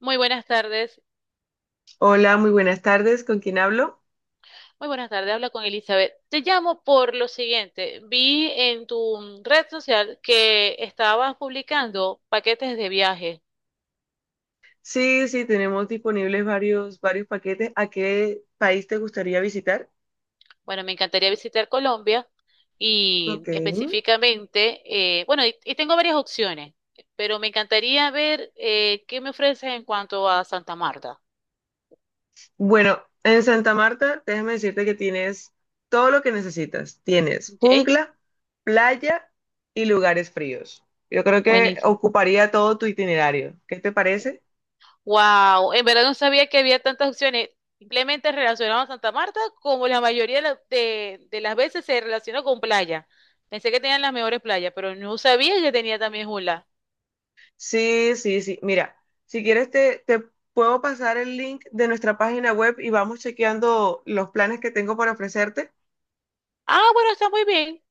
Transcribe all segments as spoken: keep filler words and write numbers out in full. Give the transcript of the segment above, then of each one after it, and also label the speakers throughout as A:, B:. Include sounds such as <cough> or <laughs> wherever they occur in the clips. A: Muy buenas tardes.
B: Hola, muy buenas tardes. ¿Con quién hablo?
A: Muy buenas tardes. Habla con Elizabeth. Te llamo por lo siguiente. Vi en tu red social que estabas publicando paquetes de viaje.
B: Sí, sí, tenemos disponibles varios, varios paquetes. ¿A qué país te gustaría visitar?
A: Bueno, me encantaría visitar Colombia
B: Ok.
A: y específicamente, eh, bueno, y, y tengo varias opciones, pero me encantaría ver eh, qué me ofreces en cuanto a Santa Marta.
B: Bueno, en Santa Marta, déjame decirte que tienes todo lo que necesitas. Tienes
A: ¿Ok?
B: jungla, playa y lugares fríos. Yo creo que
A: Buenísimo.
B: ocuparía todo tu itinerario. ¿Qué te parece?
A: Wow, en verdad no sabía que había tantas opciones. Simplemente relacionaba a Santa Marta como la mayoría de, la- de- de las veces se relacionó con playa. Pensé que tenían las mejores playas, pero no sabía que tenía también Jula.
B: Sí, sí, sí. Mira, si quieres te, te puedo pasar el link de nuestra página web y vamos chequeando los planes que tengo para ofrecerte.
A: Ah, bueno, está muy bien.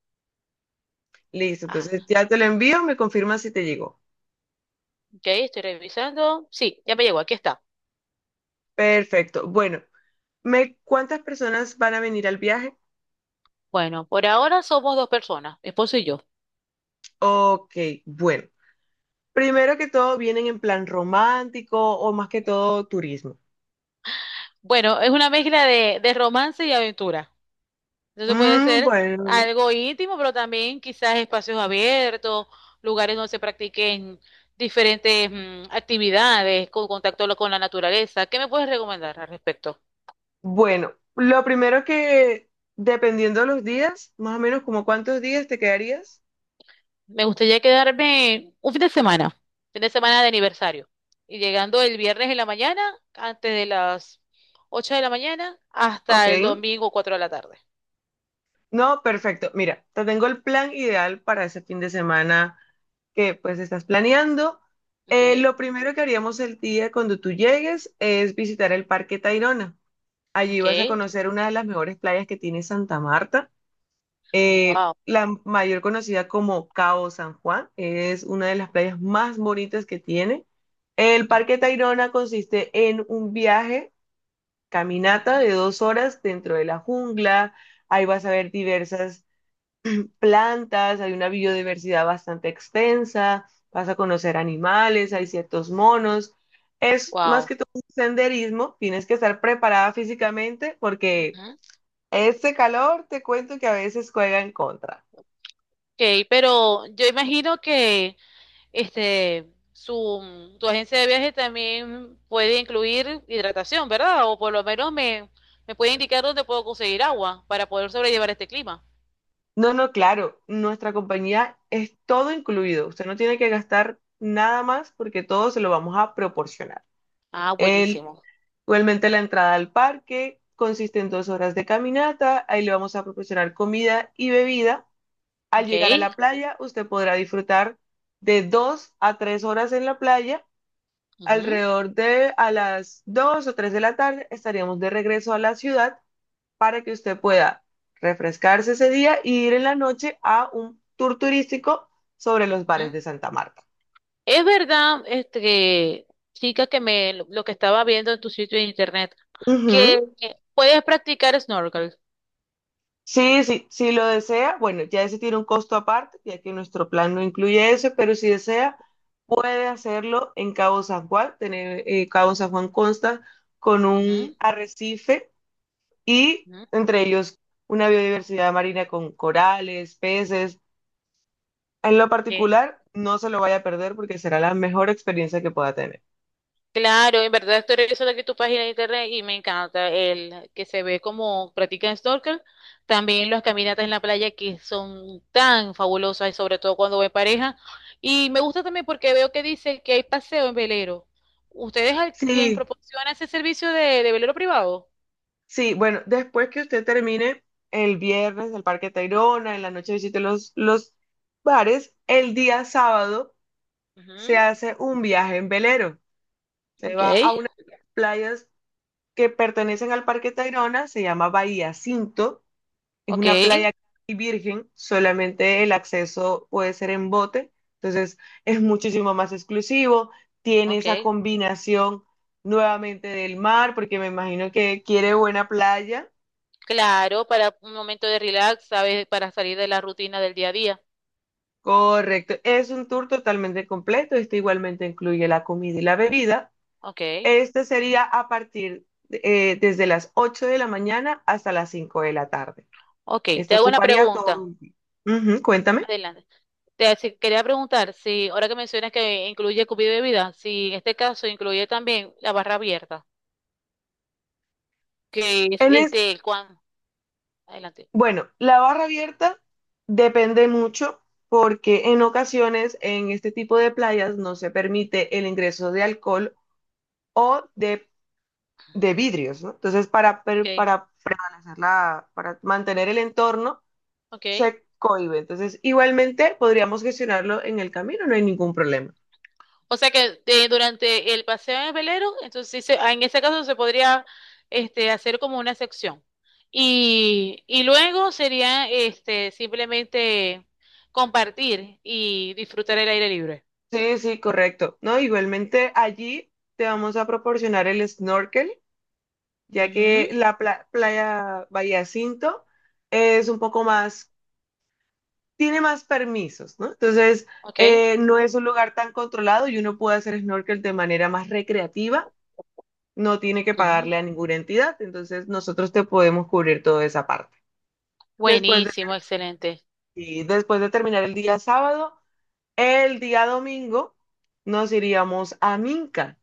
B: Listo,
A: Ajá,
B: entonces ya te lo envío, me confirmas si te llegó.
A: ok, estoy revisando. Sí, ya me llegó, aquí está.
B: Perfecto. Bueno, ¿me, cuántas personas van a venir al viaje?
A: Bueno, por ahora somos dos personas, mi esposo y yo.
B: Ok, bueno. Primero que todo, ¿vienen en plan romántico o más que todo turismo?
A: Bueno, es una mezcla de, de romance y aventura. Entonces puede
B: Mm,
A: ser
B: bueno,
A: algo íntimo, pero también quizás espacios abiertos, lugares donde se practiquen diferentes mm, actividades con contacto lo- con la naturaleza. ¿Qué me puedes recomendar al respecto?
B: bueno, lo primero que, dependiendo de los días, más o menos como cuántos días te quedarías.
A: Me gustaría quedarme un fin de semana, fin de semana de aniversario. Y llegando el viernes en la mañana, antes de las ocho de la mañana,
B: Ok.
A: hasta el domingo cuatro de la tarde.
B: No, perfecto. Mira, te tengo el plan ideal para ese fin de semana que pues estás planeando. Eh,
A: Okay,
B: lo primero que haríamos el día cuando tú llegues es visitar el Parque Tayrona. Allí vas a
A: okay.
B: conocer una de las mejores playas que tiene Santa Marta. Eh,
A: Wow.
B: la mayor conocida como Cabo San Juan es una de las playas más bonitas que tiene. El Parque Tayrona consiste en un viaje, caminata de dos horas dentro de la jungla. Ahí vas a ver diversas plantas, hay una biodiversidad bastante extensa, vas a conocer animales, hay ciertos monos. Es más
A: Wow.
B: que todo un senderismo, tienes que estar preparada físicamente porque este calor te cuento que a veces juega en contra.
A: Ok, pero yo imagino que este, su, tu agencia de viaje también puede incluir hidratación, ¿verdad? O por lo menos me, me puede indicar dónde puedo conseguir agua para poder sobrellevar este clima.
B: No, no, claro, nuestra compañía es todo incluido. Usted no tiene que gastar nada más porque todo se lo vamos a proporcionar.
A: Ah,
B: El,
A: buenísimo.
B: Igualmente la entrada al parque consiste en dos horas de caminata, ahí le vamos a proporcionar comida y bebida. Al
A: Ok.
B: llegar a la playa, usted podrá disfrutar de dos a tres horas en la playa.
A: Ujú,
B: Alrededor de a las dos o tres de la tarde estaríamos de regreso a la ciudad para que usted pueda refrescarse ese día y ir en la noche a un tour turístico sobre los bares
A: ujú.
B: de Santa Marta.
A: Es verdad, este, que, chica, que me, lo lo que estaba viendo en tu sitio de internet,
B: Ujú.
A: que eh, puedes practicar snorkel.
B: Sí, sí, si lo desea, bueno, ya ese tiene un costo aparte, ya que nuestro plan no incluye eso, pero si desea, puede hacerlo en Cabo San Juan. Tener, eh, Cabo San Juan consta con un
A: Ujú,
B: arrecife y
A: ujú.
B: entre ellos una biodiversidad marina con corales, peces. En lo
A: Ok.
B: particular, no se lo vaya a perder porque será la mejor experiencia que pueda tener.
A: Claro, en verdad estoy revisando aquí tu página de internet y me encanta el que se ve como practican snorkel. También las caminatas en la playa que son tan fabulosas, y sobre todo cuando voy en pareja. Y me gusta también porque veo que dice que hay paseo en velero. ¿Ustedes al- tienen,
B: Sí,
A: proporcionan ese servicio de, de velero privado?
B: sí, bueno, después que usted termine el viernes el Parque Tayrona, en la noche visite los, los bares, el día sábado se hace un viaje en velero.
A: Ujú,
B: Se va a
A: okay,
B: unas playas que pertenecen al Parque Tayrona, se llama Bahía Cinto, es una
A: okay.
B: playa casi virgen, solamente el acceso puede ser en bote, entonces es muchísimo más exclusivo, tiene
A: Ok.
B: esa combinación nuevamente del mar, porque me imagino que quiere
A: Ujú.
B: buena playa.
A: Claro, para un momento de relax, ¿sabes? Para salir de la rutina del día a día.
B: Correcto, es un tour totalmente completo, este igualmente incluye la comida y la bebida.
A: Okay,
B: Este sería a partir eh, desde las ocho de la mañana hasta las cinco de la tarde.
A: okay. Te
B: Este
A: hago una
B: ocuparía
A: pregunta.
B: todo mi- tiempo. Ujú, cuéntame.
A: Adelante. Te hace- quería preguntar si, ahora que mencionas que incluye comida y bebida, si en este caso incluye también la barra abierta, que es
B: En es,
A: este el cuan. Adelante.
B: bueno, la barra abierta depende mucho porque en ocasiones en este tipo de playas no se permite el ingreso de alcohol o de, de vidrios, ¿no? Entonces, para, per-
A: Okay,
B: para prevalecer la, para mantener el entorno,
A: okay.
B: se cohíbe. Entonces, igualmente podríamos gestionarlo en el camino, no hay ningún problema.
A: O sea que eh, durante el paseo en el velero, entonces sí se- ah, en ese caso se podría este, hacer como una sección. Y, y luego sería este, simplemente compartir y disfrutar el aire libre.
B: Sí, sí, correcto. No, igualmente allí te vamos a proporcionar el snorkel ya que
A: Ujú,
B: la pla- playa Bahía Cinto es un poco más, tiene más permisos, ¿no? Entonces,
A: Ok.
B: eh, no es un lugar tan controlado y uno puede hacer snorkel de manera más recreativa, no tiene que
A: Ujú.
B: pagarle a ninguna entidad, entonces nosotros te podemos cubrir toda esa parte. Después de,
A: Buenísimo, excelente.
B: y después de terminar el día sábado, el día domingo nos iríamos a Minca.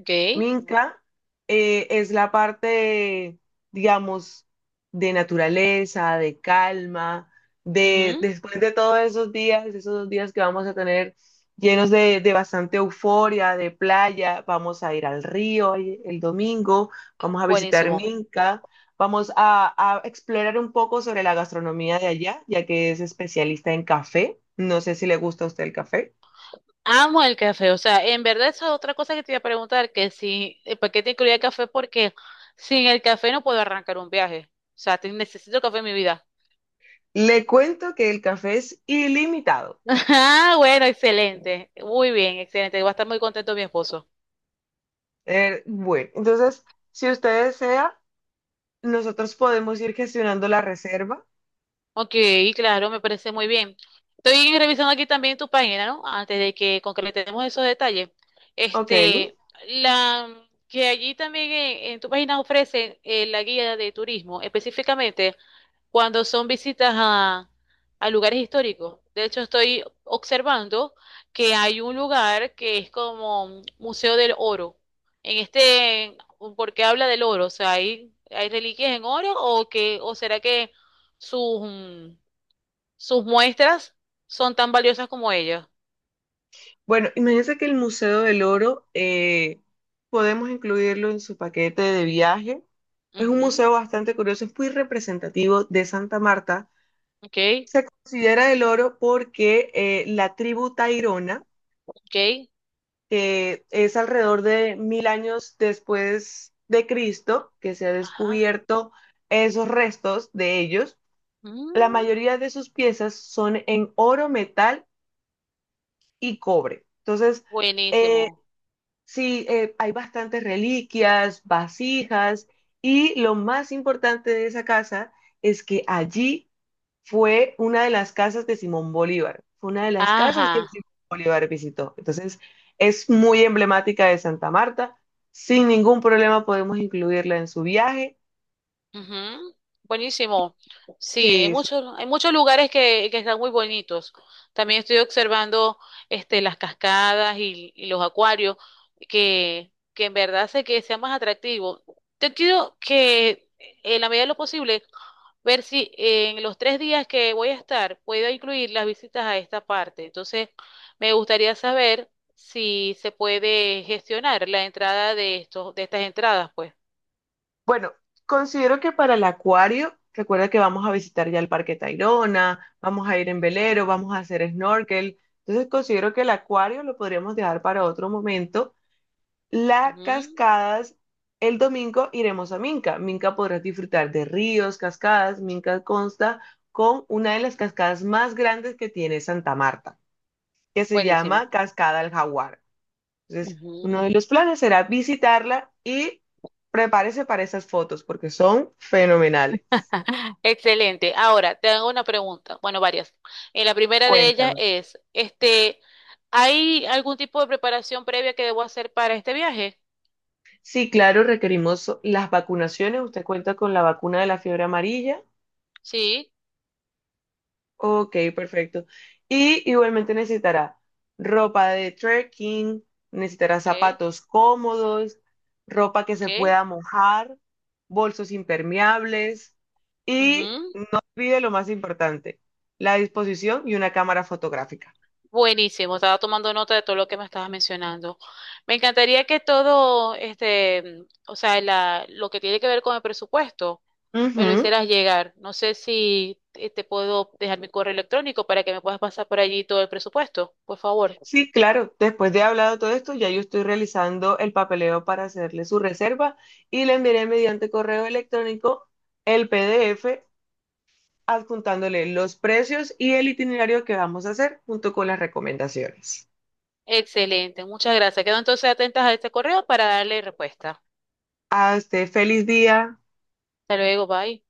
A: Ok.
B: Minca eh, es la parte, digamos, de naturaleza, de calma, de
A: Ujú.
B: después de todos esos días, esos dos días que vamos a tener llenos de, de bastante euforia, de playa, vamos a ir al río el el domingo, vamos a visitar
A: Buenísimo.
B: Minca, vamos a, a explorar un poco sobre la gastronomía de allá, ya que es especialista en café. No sé si le gusta a usted el café.
A: Amo el café. O sea, en verdad esa es otra cosa que te iba a preguntar, que si, eh, ¿por qué te incluía el café? Porque sin el café no puedo arrancar un viaje. O sea, te- necesito café en mi vida.
B: Le cuento que el café es ilimitado.
A: <laughs> Ah, bueno, excelente. Muy bien, excelente. Va a estar muy contento mi esposo.
B: Eh, bueno, entonces, si usted desea, nosotros podemos ir gestionando la reserva.
A: Ok, claro, me parece muy bien. Estoy revisando aquí también tu página, ¿no? Antes de que concretemos esos detalles.
B: Ok.
A: Este, la que allí también en, en tu página ofrece eh, la guía de turismo, específicamente, cuando son visitas a, a lugares históricos. De hecho, estoy observando que hay un lugar que es como un Museo del Oro. En este, porque habla del oro, o sea, hay, hay reliquias en oro o que, o será que sus, mm, sus muestras son tan valiosas como ellas.
B: Bueno, imagínense que el Museo del Oro eh, podemos incluirlo en su paquete de viaje. Es un
A: Ujú,
B: museo bastante curioso, es muy representativo de Santa Marta.
A: Ok,
B: Se considera el oro porque eh, la tribu Tairona,
A: ok,
B: que es alrededor de mil años después de Cristo, que se ha
A: ajá.
B: descubierto esos restos de ellos La
A: Mm,
B: mayoría de sus piezas son en oro, metal y cobre. Entonces, eh,
A: buenísimo.
B: sí, eh, hay bastantes reliquias, vasijas y lo más importante de esa casa es que allí fue una de las casas de Simón Bolívar. Fue una de las casas que
A: Ajá.
B: Simón Bolívar visitó. Entonces, es muy emblemática de Santa Marta. Sin ningún problema podemos incluirla en su viaje.
A: Ujú, Buenísimo. Sí, hay
B: Sí, sí.
A: muchos, hay muchos lugares que, que están muy bonitos. También estoy observando este, las cascadas y, y los acuarios, que, que en verdad hace que sea más atractivo. Yo quiero que en la medida de lo posible, ver si en los tres días que voy a estar puedo incluir las visitas a esta parte. Entonces, me gustaría saber si se puede gestionar la entrada de estos, de estas entradas, pues.
B: Bueno, considero que para el acuario, recuerda que vamos a visitar ya el Parque Tayrona, vamos a ir en velero, vamos a hacer snorkel. Entonces considero que el acuario lo podríamos dejar para otro momento. Las
A: Ujú,
B: cascadas, el domingo iremos a Minca. Minca podrás disfrutar de ríos, cascadas. Minca consta con una de las cascadas más grandes que tiene Santa Marta, que se
A: Buenísimo.
B: llama Cascada del Jaguar. Entonces, uno
A: Ujú.
B: de los planes será visitarla y prepárese para esas fotos porque son fenomenales.
A: <laughs> Excelente. Ahora, te hago una pregunta. Bueno, varias. En la primera de ellas
B: Cuéntame.
A: es, este, ¿hay algún tipo de preparación previa que debo hacer para este viaje?
B: Sí, claro, requerimos las vacunaciones. Usted cuenta con la vacuna de la fiebre amarilla.
A: Sí.
B: Ok, perfecto. Y igualmente necesitará ropa de trekking, necesitará
A: Ok,
B: zapatos cómodos, ropa que
A: ok.
B: se pueda mojar, bolsos impermeables y
A: Ujú.
B: no olvide lo más importante, la disposición y una cámara fotográfica.
A: Buenísimo. Estaba tomando nota de todo lo que me estabas mencionando. Me encantaría que todo, este, o sea, la, lo que tiene que ver con el presupuesto, me lo
B: Ujú.
A: hicieras llegar. No sé si eh, te puedo dejar mi correo electrónico para que me puedas pasar por allí todo el presupuesto, por favor.
B: Sí, claro. Después de hablado todo esto, ya yo estoy realizando el papeleo para hacerle su reserva y le enviaré mediante correo electrónico el P D F adjuntándole los precios y el itinerario que vamos a hacer junto con las recomendaciones.
A: Excelente, muchas gracias. Quedo entonces atentas a este correo para darle respuesta.
B: Hasta feliz día.
A: Hasta luego, bye.